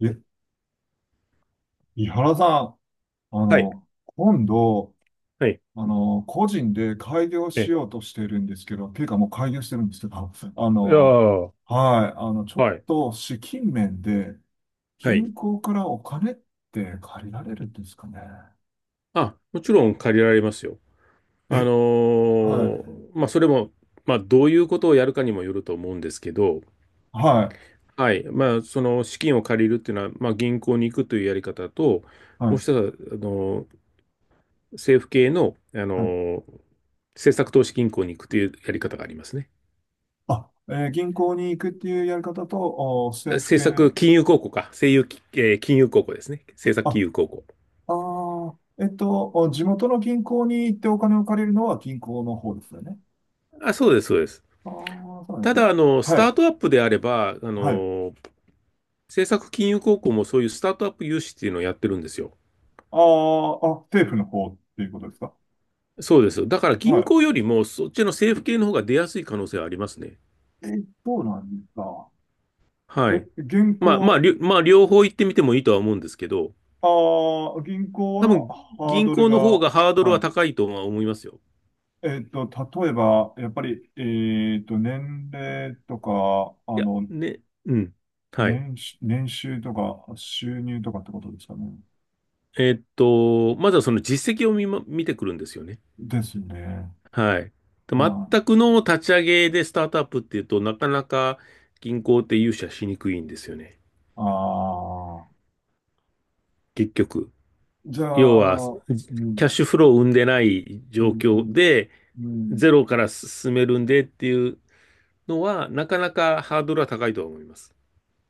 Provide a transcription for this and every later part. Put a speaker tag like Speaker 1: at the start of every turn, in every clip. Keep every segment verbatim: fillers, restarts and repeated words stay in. Speaker 1: え、井原さん、あ
Speaker 2: はい、
Speaker 1: の、今度、
Speaker 2: はい。
Speaker 1: あの、個人で開業し
Speaker 2: え、
Speaker 1: ようとしているんですけど、っていうかもう開業してるんですけど、あ
Speaker 2: いや
Speaker 1: の、
Speaker 2: ー
Speaker 1: はい、あの、ちょっ
Speaker 2: はい、
Speaker 1: と資金面で
Speaker 2: はい。
Speaker 1: 銀行からお金って借りられるんですかね。
Speaker 2: あ、もちろん借りられますよ。あ
Speaker 1: え、
Speaker 2: の
Speaker 1: は
Speaker 2: ー
Speaker 1: い、
Speaker 2: まあ、それも、まあ、どういうことをやるかにもよると思うんですけど、
Speaker 1: はい、
Speaker 2: はい。まあ、その資金を借りるっていうのは、まあ、銀行に行くというやり方と、
Speaker 1: は
Speaker 2: もう
Speaker 1: い、
Speaker 2: 一つは、あのー政府系の、あの
Speaker 1: はい。
Speaker 2: ー政策投資銀行に行くというやり方がありますね。
Speaker 1: あ、えー銀行に行くっていうやり方と、お政府
Speaker 2: 政
Speaker 1: 系、
Speaker 2: 策金融公庫か。政融、えー金融公庫ですね。政策金
Speaker 1: あ、
Speaker 2: 融公庫。
Speaker 1: あー、えっと、お地元の銀行に行ってお金を借りるのは銀行の方ですよね。
Speaker 2: あ、そうです、そうです。
Speaker 1: ああ、そうなんで
Speaker 2: た
Speaker 1: すね。
Speaker 2: だ、あの、ス
Speaker 1: は
Speaker 2: タ
Speaker 1: い。
Speaker 2: ートアップであれば、あ
Speaker 1: はい。あ
Speaker 2: の、政策金融高校もそういうスタートアップ融資っていうのをやってるんですよ。
Speaker 1: あ、あ、政府の方っていうことですか？
Speaker 2: そうです。だから銀
Speaker 1: は
Speaker 2: 行よりもそっちの政府系の方が出やすい可能性はありますね。
Speaker 1: い。え、そうなんですか。
Speaker 2: は
Speaker 1: え、
Speaker 2: い。
Speaker 1: 銀
Speaker 2: まあまあ、
Speaker 1: 行、
Speaker 2: りょまあ両方行ってみてもいいとは思うんですけど、
Speaker 1: ああ、銀行
Speaker 2: 多
Speaker 1: は
Speaker 2: 分
Speaker 1: ハー
Speaker 2: 銀
Speaker 1: ドル
Speaker 2: 行
Speaker 1: が、
Speaker 2: の方がハードル
Speaker 1: は
Speaker 2: は
Speaker 1: い。
Speaker 2: 高いとは思いますよ。
Speaker 1: えっと、例えば、やっぱり、えっと、年齢とか、あ
Speaker 2: いや、
Speaker 1: の、
Speaker 2: ね、うん。はい。
Speaker 1: 年収、年収とか、収入とかってことですかね。
Speaker 2: えーっと、まずはその実績を見ま、見てくるんですよね。
Speaker 1: ですね。
Speaker 2: はい。
Speaker 1: はい。
Speaker 2: 全くの立ち上げでスタートアップっていうとなかなか銀行って融資はしにくいんですよね。
Speaker 1: ああ、
Speaker 2: 結局。
Speaker 1: じゃ
Speaker 2: 要
Speaker 1: あ、あ
Speaker 2: は、
Speaker 1: の、う
Speaker 2: キ
Speaker 1: ん、
Speaker 2: ャッシュフローを生んでない
Speaker 1: う
Speaker 2: 状況
Speaker 1: ん、
Speaker 2: で、
Speaker 1: うん、
Speaker 2: ゼロから進めるんでっていうのは、なかなかハードルは高いと思います。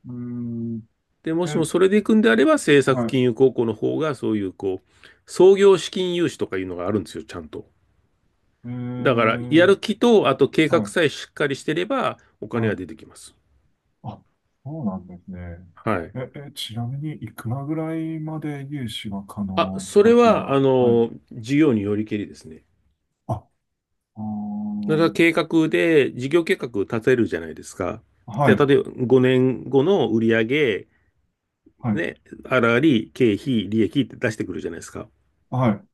Speaker 1: うん。うん
Speaker 2: で、も
Speaker 1: え
Speaker 2: し
Speaker 1: っ
Speaker 2: もそれで行くんであれば、政
Speaker 1: は
Speaker 2: 策
Speaker 1: い。
Speaker 2: 金融高校の方が、そういう、こう、創業資金融資とかいうのがあるんですよ、ちゃんと。
Speaker 1: え
Speaker 2: だから、や
Speaker 1: ー、
Speaker 2: る気と、あと計
Speaker 1: は
Speaker 2: 画
Speaker 1: い、
Speaker 2: さえしっかりしてれば、お金
Speaker 1: は
Speaker 2: は
Speaker 1: い。
Speaker 2: 出てきます。
Speaker 1: あ、そうなんですね。
Speaker 2: はい。
Speaker 1: え、え、ちなみに、いくらぐらいまで融資が可
Speaker 2: あ、
Speaker 1: 能と
Speaker 2: そ
Speaker 1: か
Speaker 2: れ
Speaker 1: っていうの
Speaker 2: は、あ
Speaker 1: は、はい。
Speaker 2: の、事業によりけりですね。
Speaker 1: あ、あ
Speaker 2: だから
Speaker 1: ー、
Speaker 2: 計画で、事業計画立てるじゃないですか。
Speaker 1: は
Speaker 2: で、
Speaker 1: い、
Speaker 2: 例えばごねんごの売上、
Speaker 1: はい、
Speaker 2: ね、あらり、経費、利益って出してくるじゃないですか。
Speaker 1: はい。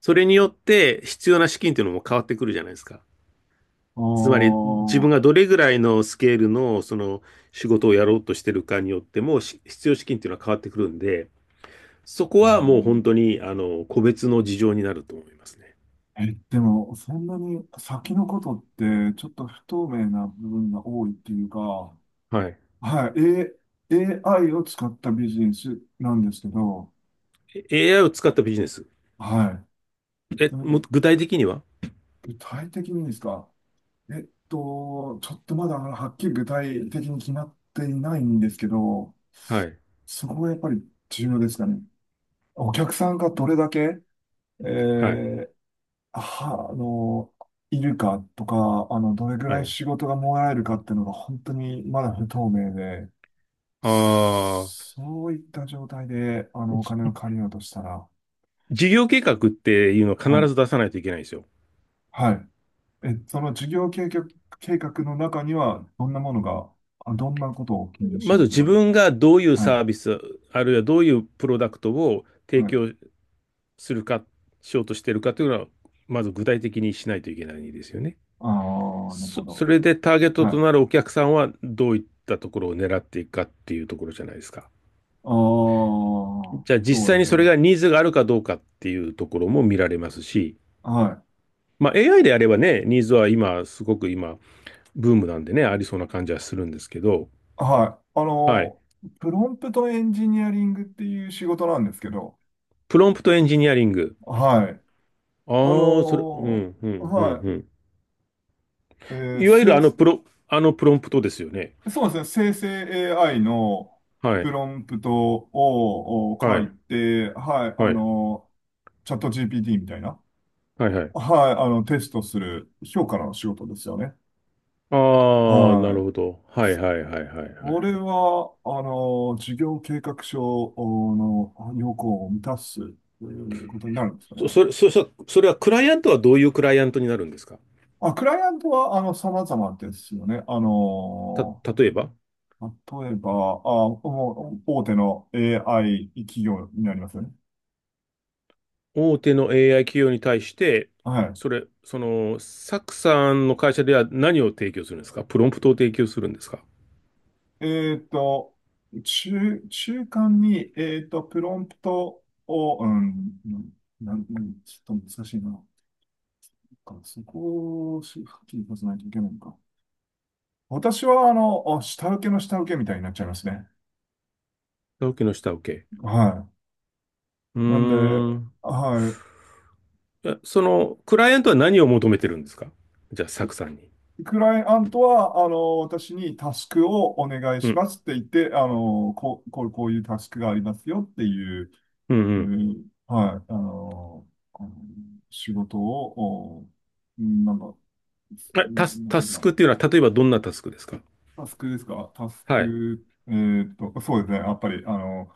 Speaker 2: それによって必要な資金っていうのも変わってくるじゃないですか。
Speaker 1: あ
Speaker 2: つまり自分
Speaker 1: ー、
Speaker 2: がどれぐらいのスケールのその仕事をやろうとしてるかによってもし必要資金っていうのは変わってくるんで、そこはもう本当にあの個別の事情になると思いますね。
Speaker 1: えーえ、でも、そんなに先のことって、ちょっと不透明な部分が多いっていうか、
Speaker 2: はい。
Speaker 1: はい、A、エーアイ を使ったビジネスなんですけど、
Speaker 2: エーアイ を使ったビジネス。
Speaker 1: はい。
Speaker 2: え、
Speaker 1: それ
Speaker 2: も
Speaker 1: で、
Speaker 2: 具体的には？
Speaker 1: 具体的にですか？えっと、ちょっとまだはっきり具体的に決まっていないんですけど、
Speaker 2: はい。
Speaker 1: そこがやっぱり重要ですかね。お客さんがどれだけ、え
Speaker 2: はい。
Speaker 1: ーは、あの、いるかとか、あの、どれぐ
Speaker 2: は
Speaker 1: らい
Speaker 2: い。
Speaker 1: 仕事がもらえるかっていうのが本当にまだ不透明で、
Speaker 2: ああ、
Speaker 1: そういった状態で、あの、お金を
Speaker 2: じ
Speaker 1: 借りようとしたら、
Speaker 2: 事業計画っていうのを必
Speaker 1: はい、
Speaker 2: ず出さないといけないんですよ。
Speaker 1: はい。え、その事業計画、計画の中には、どんなものが、あどんなことを記入し
Speaker 2: ま
Speaker 1: な
Speaker 2: ず
Speaker 1: けれ
Speaker 2: 自
Speaker 1: ばね。
Speaker 2: 分がどういう
Speaker 1: は
Speaker 2: サ
Speaker 1: い。
Speaker 2: ービス、あるいはどういうプロダクトを
Speaker 1: は
Speaker 2: 提
Speaker 1: い
Speaker 2: 供するか、しようとしてるかというのは、まず具体的にしないといけないですよね。
Speaker 1: ああ、なる
Speaker 2: そ、
Speaker 1: ほ
Speaker 2: そ
Speaker 1: ど。
Speaker 2: れでターゲット
Speaker 1: はい。
Speaker 2: と
Speaker 1: あ
Speaker 2: なるお客さんはどういったところを狙っていくかっていうところじゃないですか。
Speaker 1: あ、
Speaker 2: じゃあ
Speaker 1: そ
Speaker 2: 実
Speaker 1: う
Speaker 2: 際
Speaker 1: で
Speaker 2: に
Speaker 1: す
Speaker 2: そ
Speaker 1: ね。
Speaker 2: れがニーズがあるかどうかっていうところも見られますし、
Speaker 1: は
Speaker 2: まあ エーアイ であればね、ニーズは今、すごく今、ブームなんでね、ありそうな感じはするんですけど、
Speaker 1: い。はい。あ
Speaker 2: はい。
Speaker 1: の、プロンプトエンジニアリングっていう仕事なんですけど、
Speaker 2: プロンプトエンジニアリング。
Speaker 1: はい。あ
Speaker 2: ああ、それ、う
Speaker 1: の、
Speaker 2: ん、うん、うん、
Speaker 1: は
Speaker 2: うん。
Speaker 1: い。えー
Speaker 2: いわゆる
Speaker 1: 生
Speaker 2: あのプロ、あのプロンプトですよね。
Speaker 1: そうですね。生成 エーアイ の
Speaker 2: は
Speaker 1: プ
Speaker 2: い、
Speaker 1: ロンプトをを書
Speaker 2: は
Speaker 1: い
Speaker 2: い、
Speaker 1: て、はい。あ
Speaker 2: はい、
Speaker 1: の、チャット ジーピーティー みたいな、
Speaker 2: はい、はい。
Speaker 1: はい。あの、テストする評価の仕事ですよね。
Speaker 2: ああ、な
Speaker 1: は
Speaker 2: るほ
Speaker 1: い。
Speaker 2: ど。はい、はい、はい、はい、はい。はい。
Speaker 1: 俺は、あの、事業計画書の要項を満たすということになるんですよ
Speaker 2: そ、
Speaker 1: ね。
Speaker 2: それ、そ、そそれはクライアントはどういうクライアントになるんですか？
Speaker 1: まあ、クライアントは、あの、様々ですよね。あ
Speaker 2: た、
Speaker 1: の、
Speaker 2: 例えば、
Speaker 1: 例えば、あ、もう大手の エーアイ 企業になりますよね。
Speaker 2: 大手の エーアイ 企業に対して、
Speaker 1: は
Speaker 2: それ、その、サクさんの会社では何を提供するんですか？プロンプトを提供するんですか？
Speaker 1: い。えっと、中、中間に、えっと、プロンプトを、うん、なん、なんちょっと難しいな。そこをしはっきり出さないといけないのか。私は、あの、あ下請けの下請けみたいになっちゃいますね。
Speaker 2: 下請けの下請け。
Speaker 1: は
Speaker 2: うー
Speaker 1: い。なんで、
Speaker 2: ん、
Speaker 1: はい。
Speaker 2: え、その、クライアントは何を求めてるんですか？じゃあ、サクさん
Speaker 1: ク
Speaker 2: に。
Speaker 1: クライアントは、あの、私にタスクをお願い
Speaker 2: う
Speaker 1: し
Speaker 2: ん。
Speaker 1: ますって言って、あの、こう、こう、こういうタスクがありますよっていう、
Speaker 2: うんう
Speaker 1: う
Speaker 2: ん。
Speaker 1: んはい、あの、あの仕事を、おうんなんか、
Speaker 2: え、
Speaker 1: な
Speaker 2: タス、
Speaker 1: なんて
Speaker 2: タ
Speaker 1: いう
Speaker 2: ス
Speaker 1: かな、
Speaker 2: クっていうのは、例えばどんなタスクですか？
Speaker 1: タスクですか？タス
Speaker 2: はい。
Speaker 1: ク、えーっと、そうですね。やっぱり、あの、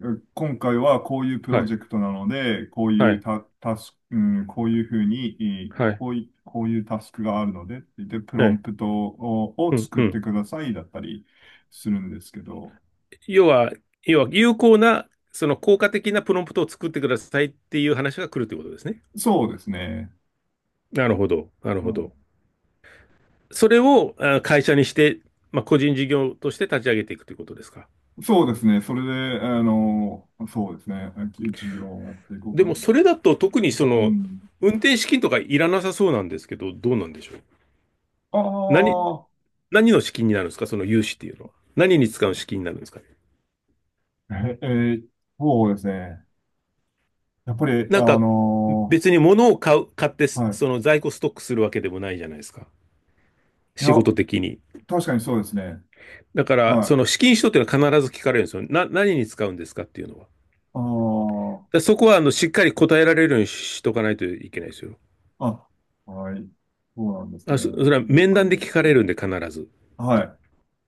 Speaker 1: う今回はこういうプ
Speaker 2: は
Speaker 1: ロ
Speaker 2: い。
Speaker 1: ジェクトなので、こう
Speaker 2: は
Speaker 1: いう
Speaker 2: い。
Speaker 1: タ、タスク、うん、こういうふうに、えー
Speaker 2: はい。
Speaker 1: こうい、こういうタスクがあるので、で、プロ
Speaker 2: は
Speaker 1: ン
Speaker 2: い。
Speaker 1: プトを、を
Speaker 2: うん。
Speaker 1: 作っ
Speaker 2: う
Speaker 1: て
Speaker 2: ん。
Speaker 1: くださいだったりするんですけど、
Speaker 2: 要は、要は、有効な、その効果的なプロンプトを作ってくださいっていう話が来るということですね。
Speaker 1: そうですね。
Speaker 2: なるほど。なる
Speaker 1: う
Speaker 2: ほ
Speaker 1: ん
Speaker 2: ど。それをあ会社にして、まあ、個人事業として立ち上げていくということですか？
Speaker 1: そうですね。それで、あの、そうですね。授業をやっていこう
Speaker 2: で
Speaker 1: か
Speaker 2: も、
Speaker 1: な。
Speaker 2: それだと特にそ
Speaker 1: う
Speaker 2: の、
Speaker 1: ん。
Speaker 2: 運転資金とかいらなさそうなんですけど、どうなんでしょう。何、
Speaker 1: あ
Speaker 2: 何の資金になるんですかその融資っていうのは。何に使う資金になるんですかね？
Speaker 1: あ、え、えーそうですね。やっぱり、あ
Speaker 2: なんか、
Speaker 1: の
Speaker 2: 別に物を買う、買って、
Speaker 1: ーはい。
Speaker 2: その在庫ストックするわけでもないじゃないですか。
Speaker 1: いや、
Speaker 2: 仕事的に。
Speaker 1: 確かにそうですね。
Speaker 2: だから、
Speaker 1: は
Speaker 2: その
Speaker 1: い。
Speaker 2: 資金使途っていうのは必ず聞かれるんですよ。な、何に使うんですかっていうのは。だ
Speaker 1: あー
Speaker 2: そこは、あの、しっかり答えられるようにしとかないといけないですよ。
Speaker 1: あ、はい。そうなんですね。
Speaker 2: あ、そ、それは
Speaker 1: なん
Speaker 2: 面
Speaker 1: か
Speaker 2: 談で
Speaker 1: ね
Speaker 2: 聞かれるんで、必ず。
Speaker 1: は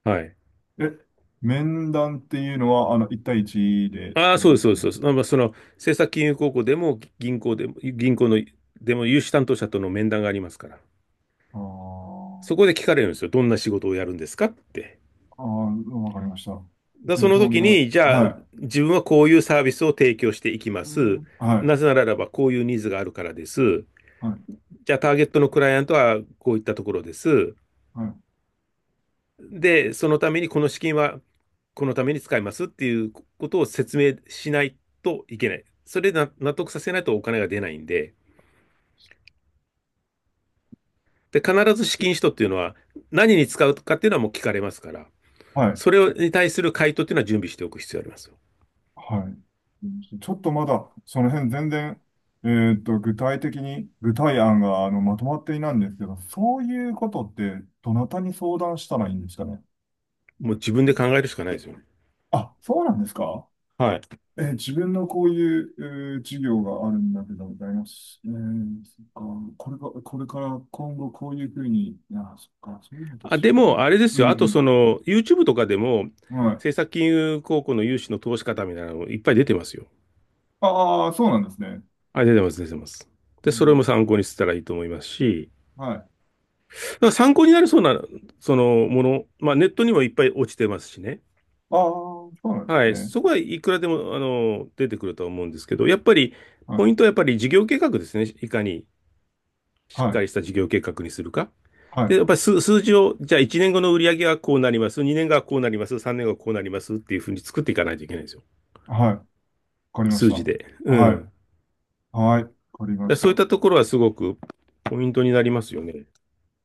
Speaker 2: はい。
Speaker 1: い。え、面談っていうのは、あの、一対一でっ
Speaker 2: あ
Speaker 1: て
Speaker 2: あ、
Speaker 1: こ
Speaker 2: そう
Speaker 1: と
Speaker 2: です、
Speaker 1: で
Speaker 2: そ
Speaker 1: す
Speaker 2: うです、そう
Speaker 1: ね。
Speaker 2: です。まあ、その、政策金融高校でも、銀行でも、銀行の、でも、融資担当者との面談がありますから。
Speaker 1: あー
Speaker 2: そこで聞かれるんですよ。どんな仕事をやるんですかって。
Speaker 1: あー、わかりました。
Speaker 2: だ
Speaker 1: で、
Speaker 2: その
Speaker 1: どん
Speaker 2: 時
Speaker 1: な、
Speaker 2: に、じゃあ、
Speaker 1: は
Speaker 2: 自分はこういうサービスを提供していきま
Speaker 1: い。う
Speaker 2: す。
Speaker 1: んは
Speaker 2: な
Speaker 1: い。
Speaker 2: ぜならば、こういうニーズがあるからです。
Speaker 1: はい。
Speaker 2: じゃあ、ターゲットのクライアントはこういったところです。
Speaker 1: はい。
Speaker 2: で、そのためにこの資金はこのために使いますっていうことを説明しないといけない。それでな納得させないとお金が出ないんで、で、必ず資金使途っていうのは何に使うかっていうのはもう聞かれますから、
Speaker 1: はい。
Speaker 2: それに対する回答っていうのは準備しておく必要があります。
Speaker 1: はい。ちょっとまだ、その辺全然、えーっと、具体的に、具体案が、あの、まとまっていないんですけど、そういうことって、どなたに相談したらいいんですかね。
Speaker 2: もう自分で考えるしかないですよね。
Speaker 1: あ、そうなんですか？
Speaker 2: はい。
Speaker 1: えー自分のこういう、えー事業があるんだけど、ございます。えー、そっか、これが、これから今後こういうふうに、あ、そっか、そういうのと
Speaker 2: あ、
Speaker 1: 自
Speaker 2: でも、
Speaker 1: 分で。
Speaker 2: あれで
Speaker 1: う
Speaker 2: すよ。あと、
Speaker 1: ん、
Speaker 2: その、YouTube とかでも、
Speaker 1: はい。
Speaker 2: 政策金融高校の融資の投資方みたいなのいっぱい出てますよ。
Speaker 1: ああ、そうなんですね。
Speaker 2: あ、出てます、出てます。
Speaker 1: う
Speaker 2: で、それ
Speaker 1: ん、
Speaker 2: も参考にしたらいいと思いますし、
Speaker 1: はい。あ
Speaker 2: だから参考になりそうな、そのもの、まあ、ネットにもいっぱい落ちてますしね。
Speaker 1: あ、そうなんで
Speaker 2: は
Speaker 1: す
Speaker 2: い。そこ
Speaker 1: ね。
Speaker 2: はいくらでも、あの、出てくるとは思うんですけど、やっぱり、
Speaker 1: はい、
Speaker 2: ポイントはやっぱり事業計画ですね。いかにし
Speaker 1: は
Speaker 2: っか
Speaker 1: い、
Speaker 2: りした事業計画にするか。
Speaker 1: は
Speaker 2: で、
Speaker 1: い、
Speaker 2: やっぱり数、数字を、じゃあいちねんごの売り上げはこうなります、にねんごはこうなります、さんねんごはこうなりますっていうふうに作っていかないといけないんですよ。
Speaker 1: はい。わかりまし
Speaker 2: 数
Speaker 1: た。
Speaker 2: 字で。う
Speaker 1: はい。
Speaker 2: ん。
Speaker 1: はい。わかりま
Speaker 2: で
Speaker 1: した。
Speaker 2: そういっ
Speaker 1: う
Speaker 2: たところはすごくポイントになりますよね。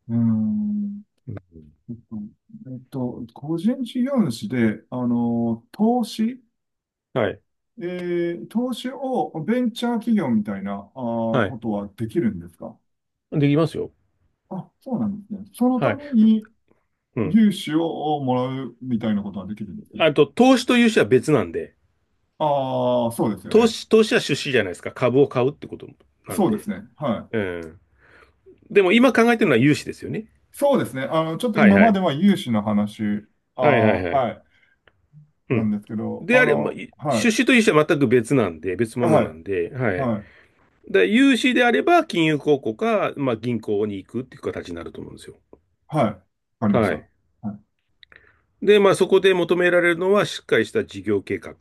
Speaker 1: ーん。
Speaker 2: うん、
Speaker 1: えっと、えっと個人事業主で、あの、投資、
Speaker 2: はい。
Speaker 1: えー投資をベンチャー企業みたいな、あー
Speaker 2: は
Speaker 1: こ
Speaker 2: い。
Speaker 1: とはできるんですか？
Speaker 2: できますよ。
Speaker 1: あ、そうなんですね。その
Speaker 2: は
Speaker 1: た
Speaker 2: い。
Speaker 1: めに
Speaker 2: うん。
Speaker 1: 融資をもらうみたいなことはできるんです。
Speaker 2: あと、投資と融資は別なんで、
Speaker 1: ああ、そうですよ
Speaker 2: 投
Speaker 1: ね。
Speaker 2: 資、投資は出資じゃないですか。株を買うってことなん
Speaker 1: そうで
Speaker 2: で。
Speaker 1: すね。は
Speaker 2: う
Speaker 1: い。
Speaker 2: ん。でも今考えてるのは融資ですよね。
Speaker 1: そうですね。あの、ちょっと
Speaker 2: はい
Speaker 1: 今
Speaker 2: は
Speaker 1: まで
Speaker 2: い。
Speaker 1: は融資の話、あ
Speaker 2: はいは
Speaker 1: あ、
Speaker 2: いはい。
Speaker 1: はい、
Speaker 2: う
Speaker 1: なん
Speaker 2: ん。
Speaker 1: ですけど、
Speaker 2: で
Speaker 1: あ
Speaker 2: あれば、ま
Speaker 1: の、は
Speaker 2: 出
Speaker 1: い、
Speaker 2: 資と融資は全く別なんで、別物
Speaker 1: は
Speaker 2: な
Speaker 1: い、
Speaker 2: んで、はい。
Speaker 1: はい。
Speaker 2: で、融資であれば金融公庫か、まあ、銀行に行くっていう形になると思うんですよ。
Speaker 1: はい。わかりまし
Speaker 2: は
Speaker 1: た。
Speaker 2: い。
Speaker 1: はい。
Speaker 2: で、まあ、そこで求められるのはしっかりした事業計画。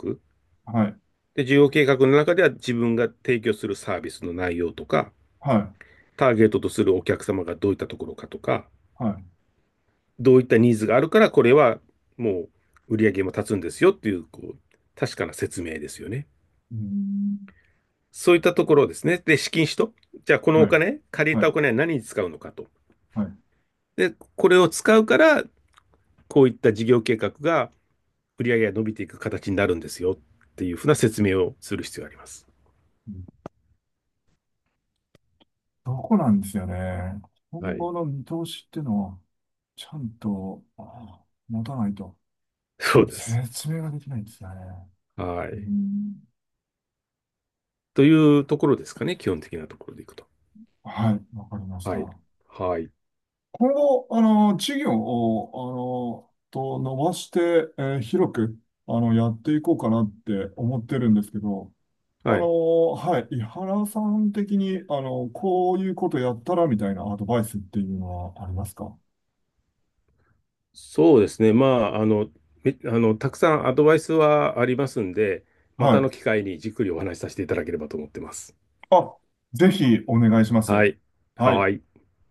Speaker 1: はい。
Speaker 2: で、事業計画の中では自分が提供するサービスの内容とか、
Speaker 1: はい。
Speaker 2: ターゲットとするお客様がどういったところかとか、
Speaker 1: はい。
Speaker 2: どういったニーズがあるから、これはもう売り上げも立つんですよっていう、こう、確かな説明ですよね。
Speaker 1: うーん。
Speaker 2: そういったところですね。で、資金使途。じゃあ、このお
Speaker 1: はい。
Speaker 2: 金、借り
Speaker 1: は
Speaker 2: たお
Speaker 1: い。
Speaker 2: 金は何に使うのかと。
Speaker 1: はい。
Speaker 2: で、これを使うから、こういった事業計画が売上が伸びていく形になるんですよっていうふうな説明をする必要があります。
Speaker 1: うん。どこなんですよね。
Speaker 2: は
Speaker 1: 今
Speaker 2: い。
Speaker 1: 後の見通しっていうのを、ちゃんと、あ持たないと、
Speaker 2: そうです。
Speaker 1: 説明ができないんですよね。
Speaker 2: は
Speaker 1: うー
Speaker 2: い。
Speaker 1: ん。
Speaker 2: というところですかね、基本的なところでいくと。
Speaker 1: はい。わかりました。
Speaker 2: はい。
Speaker 1: 今
Speaker 2: はい。
Speaker 1: 後、あの、事業を、あの、と伸ばして、えー広く、あの、やっていこうかなって思ってるんですけど、あ
Speaker 2: は
Speaker 1: の
Speaker 2: い。
Speaker 1: ーはい、井原さん的に、あのこういうことやったらみたいなアドバイスっていうのはありますか？
Speaker 2: そうですね。まあ、あの、めあの、たくさんアドバイスはありますんで、ま
Speaker 1: は
Speaker 2: たの
Speaker 1: い。
Speaker 2: 機会にじっくりお話しさせていただければと思ってます。
Speaker 1: あ、ぜひお願いしま
Speaker 2: は
Speaker 1: す。
Speaker 2: い。
Speaker 1: はい。
Speaker 2: はい。